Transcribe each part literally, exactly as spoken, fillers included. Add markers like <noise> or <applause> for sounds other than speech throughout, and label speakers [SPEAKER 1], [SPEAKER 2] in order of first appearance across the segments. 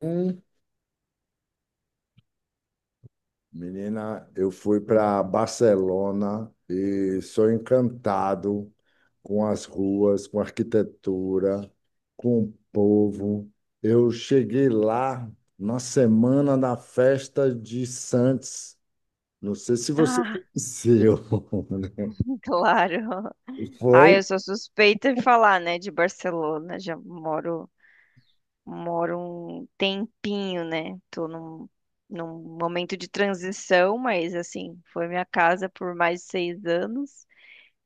[SPEAKER 1] Hum, Menina, eu fui para Barcelona e sou encantado com as ruas, com a arquitetura, com o povo. Eu cheguei lá na semana da festa de Santos. Não sei se você
[SPEAKER 2] Ah,
[SPEAKER 1] conheceu. <laughs>
[SPEAKER 2] <laughs> claro.
[SPEAKER 1] Foi?
[SPEAKER 2] Ah, eu sou suspeita em falar, né, de Barcelona. Já moro, moro um tempinho, né? Tô num, num momento de transição, mas assim, foi minha casa por mais de seis anos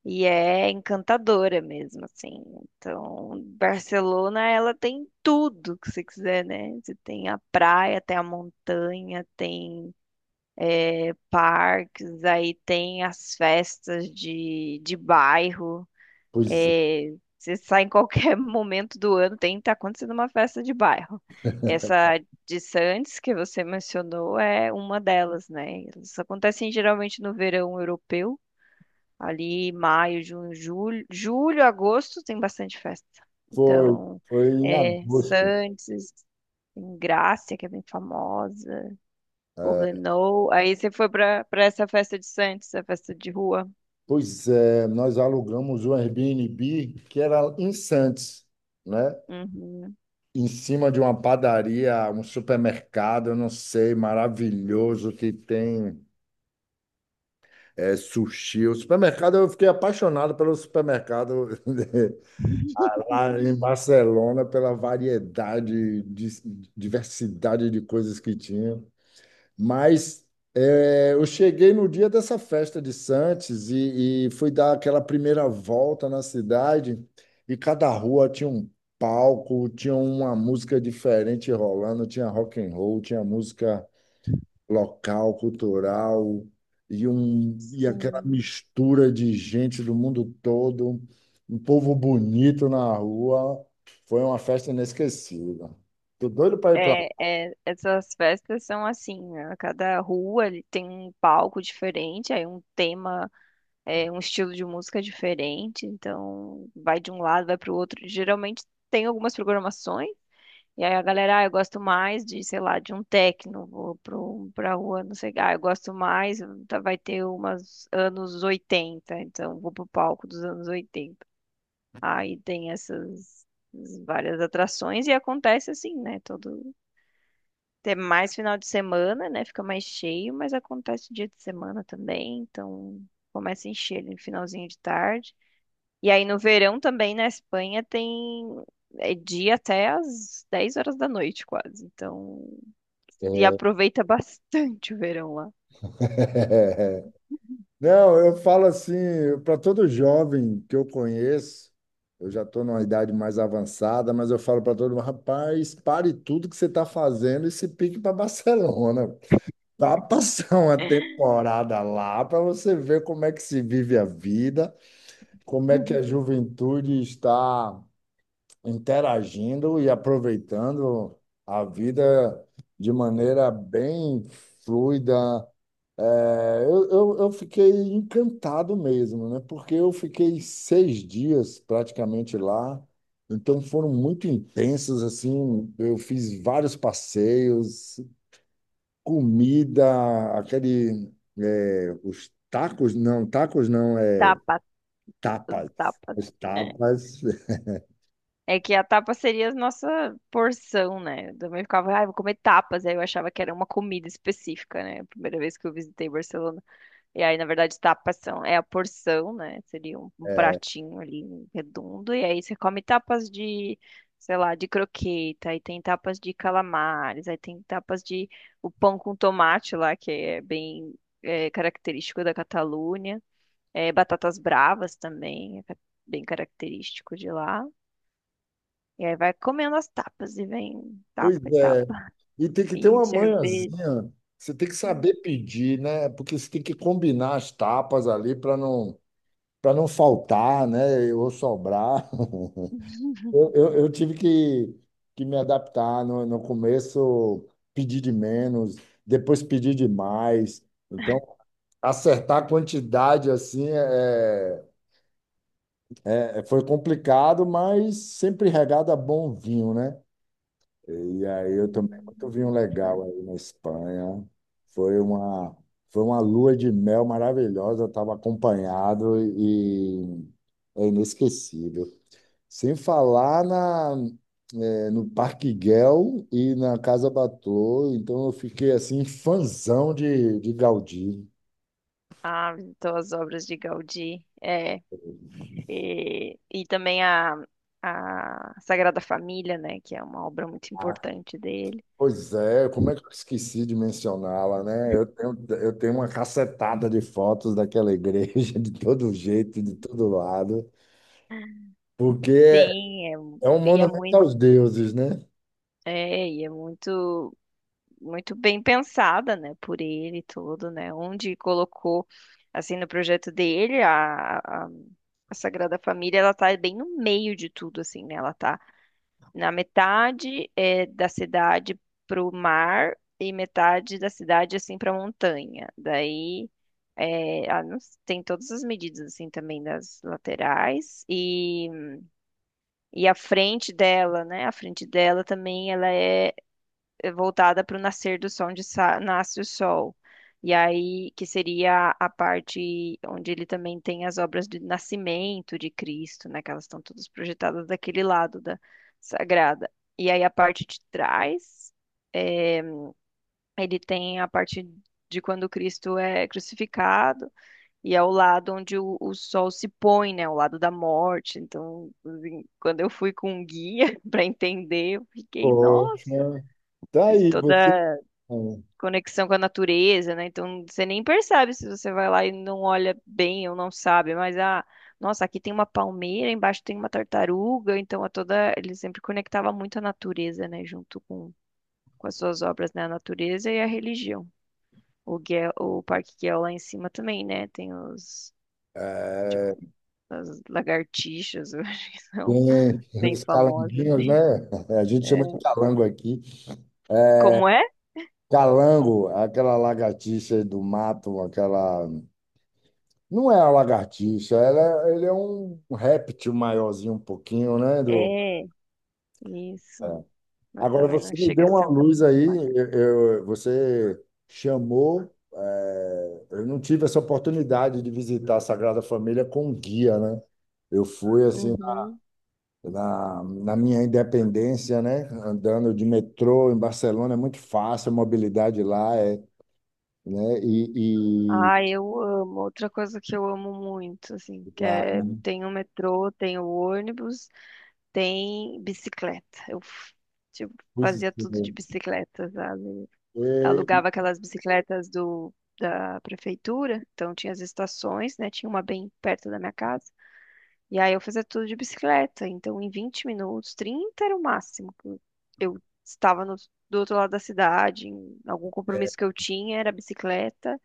[SPEAKER 2] e é encantadora mesmo, assim. Então, Barcelona, ela tem tudo que você quiser, né? Você tem a praia, tem a montanha, tem eh, parques, aí tem as festas de, de bairro.
[SPEAKER 1] Pois é,
[SPEAKER 2] É, você sai em qualquer <laughs> momento do ano, tem tá acontecendo uma festa de bairro. Essa de Santos que você mencionou é uma delas, né? Elas acontecem geralmente no verão europeu, ali maio, junho, julho, julho, agosto tem bastante festa.
[SPEAKER 1] foi,
[SPEAKER 2] Então,
[SPEAKER 1] foi em
[SPEAKER 2] é,
[SPEAKER 1] agosto.
[SPEAKER 2] Santos, tem Grácia, que é bem famosa,
[SPEAKER 1] É,
[SPEAKER 2] Poblenou. Aí você foi para para essa festa de Santos, a festa de rua.
[SPEAKER 1] pois é, nós alugamos um Airbnb que era em Santos, né?
[SPEAKER 2] Uhum,
[SPEAKER 1] Em cima de uma padaria, um supermercado, eu não sei, maravilhoso que tem é, sushi. O supermercado, eu fiquei apaixonado pelo supermercado <laughs> lá em Barcelona, pela variedade, de- diversidade de coisas que tinha. Mas eh, eu cheguei no dia dessa festa de Santos e, e fui dar aquela primeira volta na cidade e cada rua tinha um palco, tinha uma música diferente rolando, tinha rock and roll, tinha música local, cultural e, um, e aquela
[SPEAKER 2] sim.
[SPEAKER 1] mistura de gente do mundo todo, um povo bonito na rua. Foi uma festa inesquecível. Tô doido para ir para
[SPEAKER 2] É,
[SPEAKER 1] lá.
[SPEAKER 2] é, essas festas são assim, né? Cada rua ele tem um palco diferente, aí um tema, é, um estilo de música diferente, então vai de um lado, vai para o outro. Geralmente tem algumas programações, e aí a galera, ah, eu gosto mais de, sei lá, de um techno, vou pro, pra rua, não sei, ah, eu gosto mais, tá- vai ter umas anos oitenta, então vou pro palco dos anos oitenta. Aí tem essas várias atrações e acontece assim, né? Todo ter mais final de semana, né? Fica mais cheio, mas acontece dia de semana também, então começa a encher ali no finalzinho de tarde. E aí no verão também na Espanha tem é dia até às dez horas da noite quase. Então se aproveita <laughs> bastante o verão lá.
[SPEAKER 1] <laughs> Não, eu falo assim, para todo jovem que eu conheço, eu já estou numa idade mais avançada, mas eu falo para todo mundo, rapaz, pare tudo que você está fazendo e se pique para Barcelona. Vá passar uma temporada lá para você ver como é que se vive a vida, como é que a juventude está interagindo e aproveitando a vida de maneira bem fluida. É, eu, eu, eu fiquei encantado mesmo, né? Porque eu fiquei seis dias praticamente lá, então foram muito intensos, assim. Eu fiz vários passeios, comida, aquele, é, os tacos, não, tacos não,
[SPEAKER 2] <laughs>
[SPEAKER 1] é
[SPEAKER 2] Tapas,
[SPEAKER 1] tapas.
[SPEAKER 2] tapas.
[SPEAKER 1] Os
[SPEAKER 2] É.
[SPEAKER 1] tapas. <laughs>
[SPEAKER 2] É que a tapa seria a nossa porção, né? Eu também ficava, ah, vou comer tapas. Aí eu achava que era uma comida específica, né? A primeira vez que eu visitei Barcelona. E aí, na verdade, tapas são, é a porção, né? Seria um, um pratinho ali redondo. E aí você come tapas de, sei lá, de croqueta. Aí tem tapas de calamares. Aí tem tapas de o pão com tomate lá, que é bem é, característico da Catalunha. É, batatas bravas também, é ca- bem característico de lá. E aí vai comendo as tapas e vem
[SPEAKER 1] Pois
[SPEAKER 2] tapa e
[SPEAKER 1] é.
[SPEAKER 2] tapa.
[SPEAKER 1] E tem que ter
[SPEAKER 2] E
[SPEAKER 1] uma
[SPEAKER 2] cerveja.
[SPEAKER 1] manhãzinha. Você tem que
[SPEAKER 2] Hum,
[SPEAKER 1] saber pedir, né? Porque você tem que combinar as tapas ali para não, para não, faltar, né? Ou sobrar. <laughs> Eu, eu, eu tive que, que me adaptar. No, no começo, pedir de menos, depois pedir de mais. Então, acertar a quantidade assim é, é- é, foi complicado, mas sempre regado a bom vinho, né? E aí eu
[SPEAKER 2] hum,
[SPEAKER 1] tomei muito
[SPEAKER 2] hum,
[SPEAKER 1] vinho legal
[SPEAKER 2] hum.
[SPEAKER 1] aí na Espanha. Foi uma, foi uma lua de mel maravilhosa, estava acompanhado e é inesquecível. Sem falar na, eh, no Parque Güell e na Casa Batlló, então eu fiquei assim, fãzão de, de Gaudí.
[SPEAKER 2] Ah, visitou as obras de Gaudí. é, E, e também a, a Sagrada Família, né? Que é uma obra muito
[SPEAKER 1] Ah,
[SPEAKER 2] importante dele.
[SPEAKER 1] pois é, como é que eu esqueci de mencioná-la, né? Eu tenho, eu tenho uma cacetada de fotos daquela igreja, <laughs> de todo jeito, de todo lado. Porque é
[SPEAKER 2] Sim, é, mu-
[SPEAKER 1] é um
[SPEAKER 2] e é
[SPEAKER 1] monumento
[SPEAKER 2] muito,
[SPEAKER 1] aos deuses, né?
[SPEAKER 2] é, e é muito, muito bem pensada, né? Por ele e tudo, né? Onde colocou, assim, no projeto dele, a, a, a Sagrada Família, ela tá bem no meio de tudo, assim, né? Ela tá na metade é da cidade pro mar e metade da cidade assim pra montanha. Daí é, a- não s- tem todas as medidas assim também das laterais e, e a frente dela, né? A frente dela também ela é eh, voltada para o nascer do sol, onde sa- nasce o sol. E aí, que seria a parte onde ele também tem as obras do nascimento de Cristo, né? Que elas estão todas projetadas daquele lado da sagrada. E aí, a parte de trás, eh, ele tem a parte de quando Cristo é crucificado, e é o lado onde o, o sol se põe, né? O lado da morte. Então, assim, quando eu fui com um guia <laughs> para entender, eu fiquei, nossa!
[SPEAKER 1] Poxa, tá
[SPEAKER 2] E
[SPEAKER 1] aí, você.
[SPEAKER 2] toda conexão com a natureza, né? Então você nem percebe se você vai lá e não olha bem ou não sabe, mas ah, nossa, aqui tem uma palmeira, embaixo tem uma tartaruga, então a toda ele sempre conectava muito a natureza, né, junto com com as suas obras, né, a natureza e a religião. O Guel, o Parque Guel lá em cima também, né, tem os tipo,
[SPEAKER 1] É,
[SPEAKER 2] as lagartixas, <laughs> eu acho que são
[SPEAKER 1] tem
[SPEAKER 2] bem
[SPEAKER 1] os
[SPEAKER 2] famosas,
[SPEAKER 1] calanguinhos, né?
[SPEAKER 2] né?
[SPEAKER 1] <laughs> A gente chama de calango aqui. É,
[SPEAKER 2] Como é?
[SPEAKER 1] calango, aquela lagartixa do mato, aquela. Não é a lagartixa, ela, é, ele é um réptil maiorzinho um pouquinho, né?
[SPEAKER 2] É, isso. Mas
[SPEAKER 1] Agora
[SPEAKER 2] também não
[SPEAKER 1] você me
[SPEAKER 2] chega
[SPEAKER 1] deu
[SPEAKER 2] a
[SPEAKER 1] uma
[SPEAKER 2] ser um.
[SPEAKER 1] luz aí, eu, eu- você chamou, eh, eu não tive essa oportunidade de visitar a Sagrada Família com guia, né? Eu fui assim
[SPEAKER 2] Uhum.
[SPEAKER 1] na, na minha independência, né? Andando de metrô em Barcelona é muito fácil, a mobilidade lá é, né? E, e
[SPEAKER 2] Ai, eu amo. Outra coisa que eu amo muito, assim, que
[SPEAKER 1] lá,
[SPEAKER 2] é, tem o metrô, tem o ônibus, tem bicicleta. Eu, f- tipo,
[SPEAKER 1] pois é,
[SPEAKER 2] fazia tudo de bicicleta, sabe? Alugava aquelas bicicletas do, da prefeitura, então tinha as estações, né? Tinha uma bem perto da minha casa. E aí eu fazia tudo de bicicleta. Então, em vinte minutos, trinta era o máximo que Eu eu estava no, do outro lado da cidade, em algum compromisso que eu tinha era bicicleta.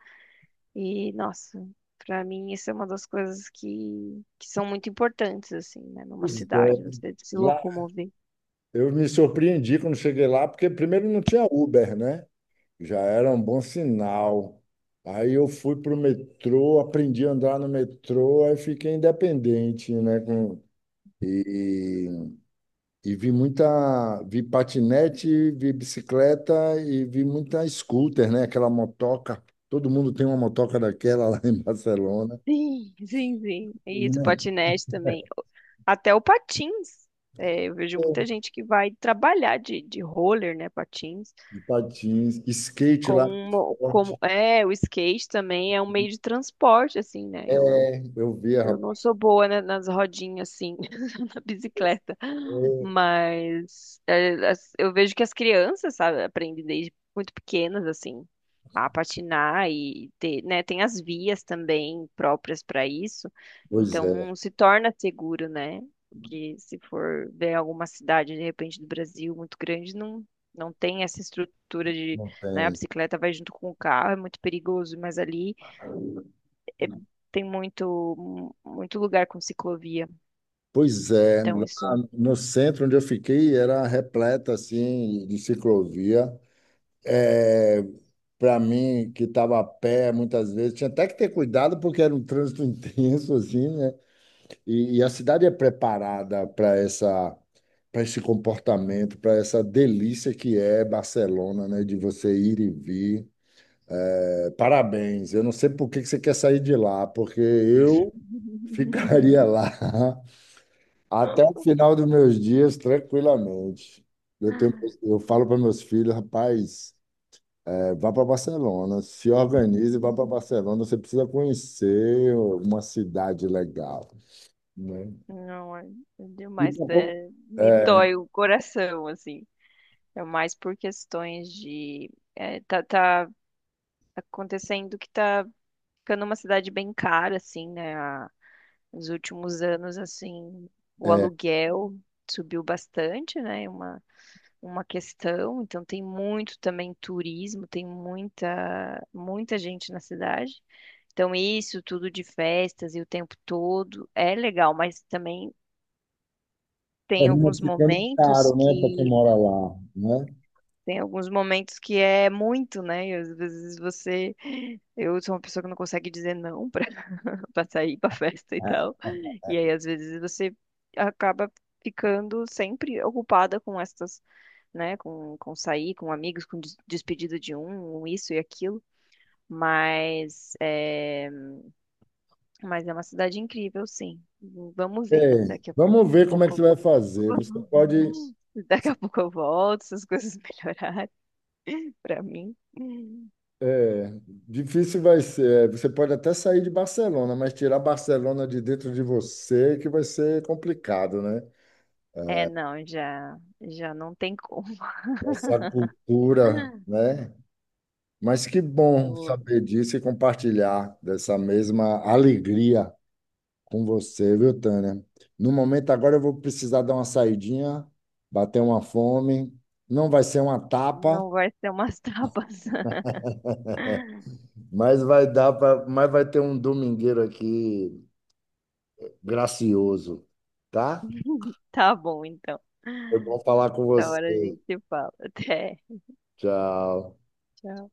[SPEAKER 2] E, nossa, pra mim isso é uma das coisas que, que são muito importantes, assim, né? Numa
[SPEAKER 1] pois é,
[SPEAKER 2] cidade, você se
[SPEAKER 1] lá
[SPEAKER 2] locomover.
[SPEAKER 1] eu me surpreendi quando cheguei lá, porque primeiro não tinha Uber, né? Já era um bom sinal. Aí eu fui para o metrô, aprendi a andar no metrô, aí fiquei independente, né? com- e, e vi muita, vi patinete, vi bicicleta e vi muita scooter, né? Aquela motoca. Todo mundo tem uma motoca daquela lá em Barcelona.
[SPEAKER 2] Sim, sim, sim. E isso, patinete também. Até o patins. É, eu vejo muita
[SPEAKER 1] É,
[SPEAKER 2] gente que vai trabalhar de, de roller, né, patins,
[SPEAKER 1] de patins, skate lá,
[SPEAKER 2] como, como
[SPEAKER 1] forte.
[SPEAKER 2] é, o skate também é um meio de transporte, assim, né? Eu
[SPEAKER 1] É, eu vi
[SPEAKER 2] Eu não
[SPEAKER 1] rapaz.
[SPEAKER 2] sou boa, né, nas rodinhas, assim, <laughs> na bicicleta. Mas é, as- eu vejo que as crianças, sabe, aprendem desde muito pequenas, assim, a patinar e ter, né, tem as vias também próprias para isso.
[SPEAKER 1] Pois é,
[SPEAKER 2] Então, se torna seguro, né? Porque se for ver alguma cidade, de repente, do Brasil muito grande, não, não tem essa estrutura de,
[SPEAKER 1] não
[SPEAKER 2] né, a
[SPEAKER 1] tem.
[SPEAKER 2] bicicleta vai junto com o carro, é muito perigoso, mas ali é- tem muito, muito lugar com ciclovia.
[SPEAKER 1] Pois é,
[SPEAKER 2] Então,
[SPEAKER 1] lá
[SPEAKER 2] isso.
[SPEAKER 1] no centro onde eu fiquei era repleta assim de ciclovia. É para mim que estava a pé muitas vezes tinha até que ter cuidado porque era um trânsito <laughs> intenso assim, né? E, e a cidade é preparada para essa para esse comportamento, para essa delícia que é Barcelona, né? De você ir e vir. É, parabéns. Eu não sei por que que você quer sair de lá, porque eu ficaria
[SPEAKER 2] <laughs>
[SPEAKER 1] lá <laughs> até o final dos meus dias, tranquilamente. Eu tenho, eu falo para meus filhos, rapaz, é, vá para Barcelona, se organize, e vá para Barcelona. Você precisa conhecer uma cidade legal, né?
[SPEAKER 2] Não, é é
[SPEAKER 1] E
[SPEAKER 2] demais.
[SPEAKER 1] pra co-
[SPEAKER 2] É- me
[SPEAKER 1] é,
[SPEAKER 2] dói o coração, assim. É mais por questões de. é, tá, tá acontecendo que tá ficando uma cidade bem cara, assim, né? A- nos últimos anos, assim, o
[SPEAKER 1] é,
[SPEAKER 2] aluguel subiu bastante, né? Uma questão, então tem muito também turismo, tem muita muita gente na cidade. Então isso tudo de festas e o tempo todo é legal, mas também tem
[SPEAKER 1] termina
[SPEAKER 2] alguns
[SPEAKER 1] ficando
[SPEAKER 2] momentos
[SPEAKER 1] caro, né, para quem
[SPEAKER 2] que
[SPEAKER 1] mora lá, né?
[SPEAKER 2] tem alguns momentos que é muito, né? E às vezes você, eu sou uma pessoa que não consegue dizer não para sair para <laughs> festa e tal. E aí, às vezes, você acaba ficando sempre ocupada com essas, né, com, com sair, com amigos, com des- despedida de um, um isso e aquilo. Mas é, mas é uma cidade incrível, sim. Vamos
[SPEAKER 1] É,
[SPEAKER 2] ver. Daqui a
[SPEAKER 1] vamos ver como é que você
[SPEAKER 2] pouco,
[SPEAKER 1] vai fazer. Você pode
[SPEAKER 2] <laughs> daqui a pouco eu volto, se as coisas <laughs> melhorarem para mim.
[SPEAKER 1] É, difícil vai ser. é, Você pode até sair de Barcelona, mas tirar Barcelona de dentro de você é que vai ser complicado, né?
[SPEAKER 2] É, não, já, já não tem como.
[SPEAKER 1] Essa cultura,
[SPEAKER 2] <laughs>
[SPEAKER 1] né? Mas que bom
[SPEAKER 2] Eu
[SPEAKER 1] saber disso e compartilhar dessa mesma alegria com você, viu, Tânia? No momento agora eu vou precisar dar uma saidinha, bater uma fome. Não vai ser uma tapa,
[SPEAKER 2] não vai ser umas tapas. <laughs>
[SPEAKER 1] mas vai dar pra, mas vai ter um domingueiro aqui gracioso, tá?
[SPEAKER 2] <laughs> Tá bom, então.
[SPEAKER 1] Foi bom falar com
[SPEAKER 2] Outra
[SPEAKER 1] você.
[SPEAKER 2] hora a gente se fala. Até.
[SPEAKER 1] Tchau.
[SPEAKER 2] Tchau.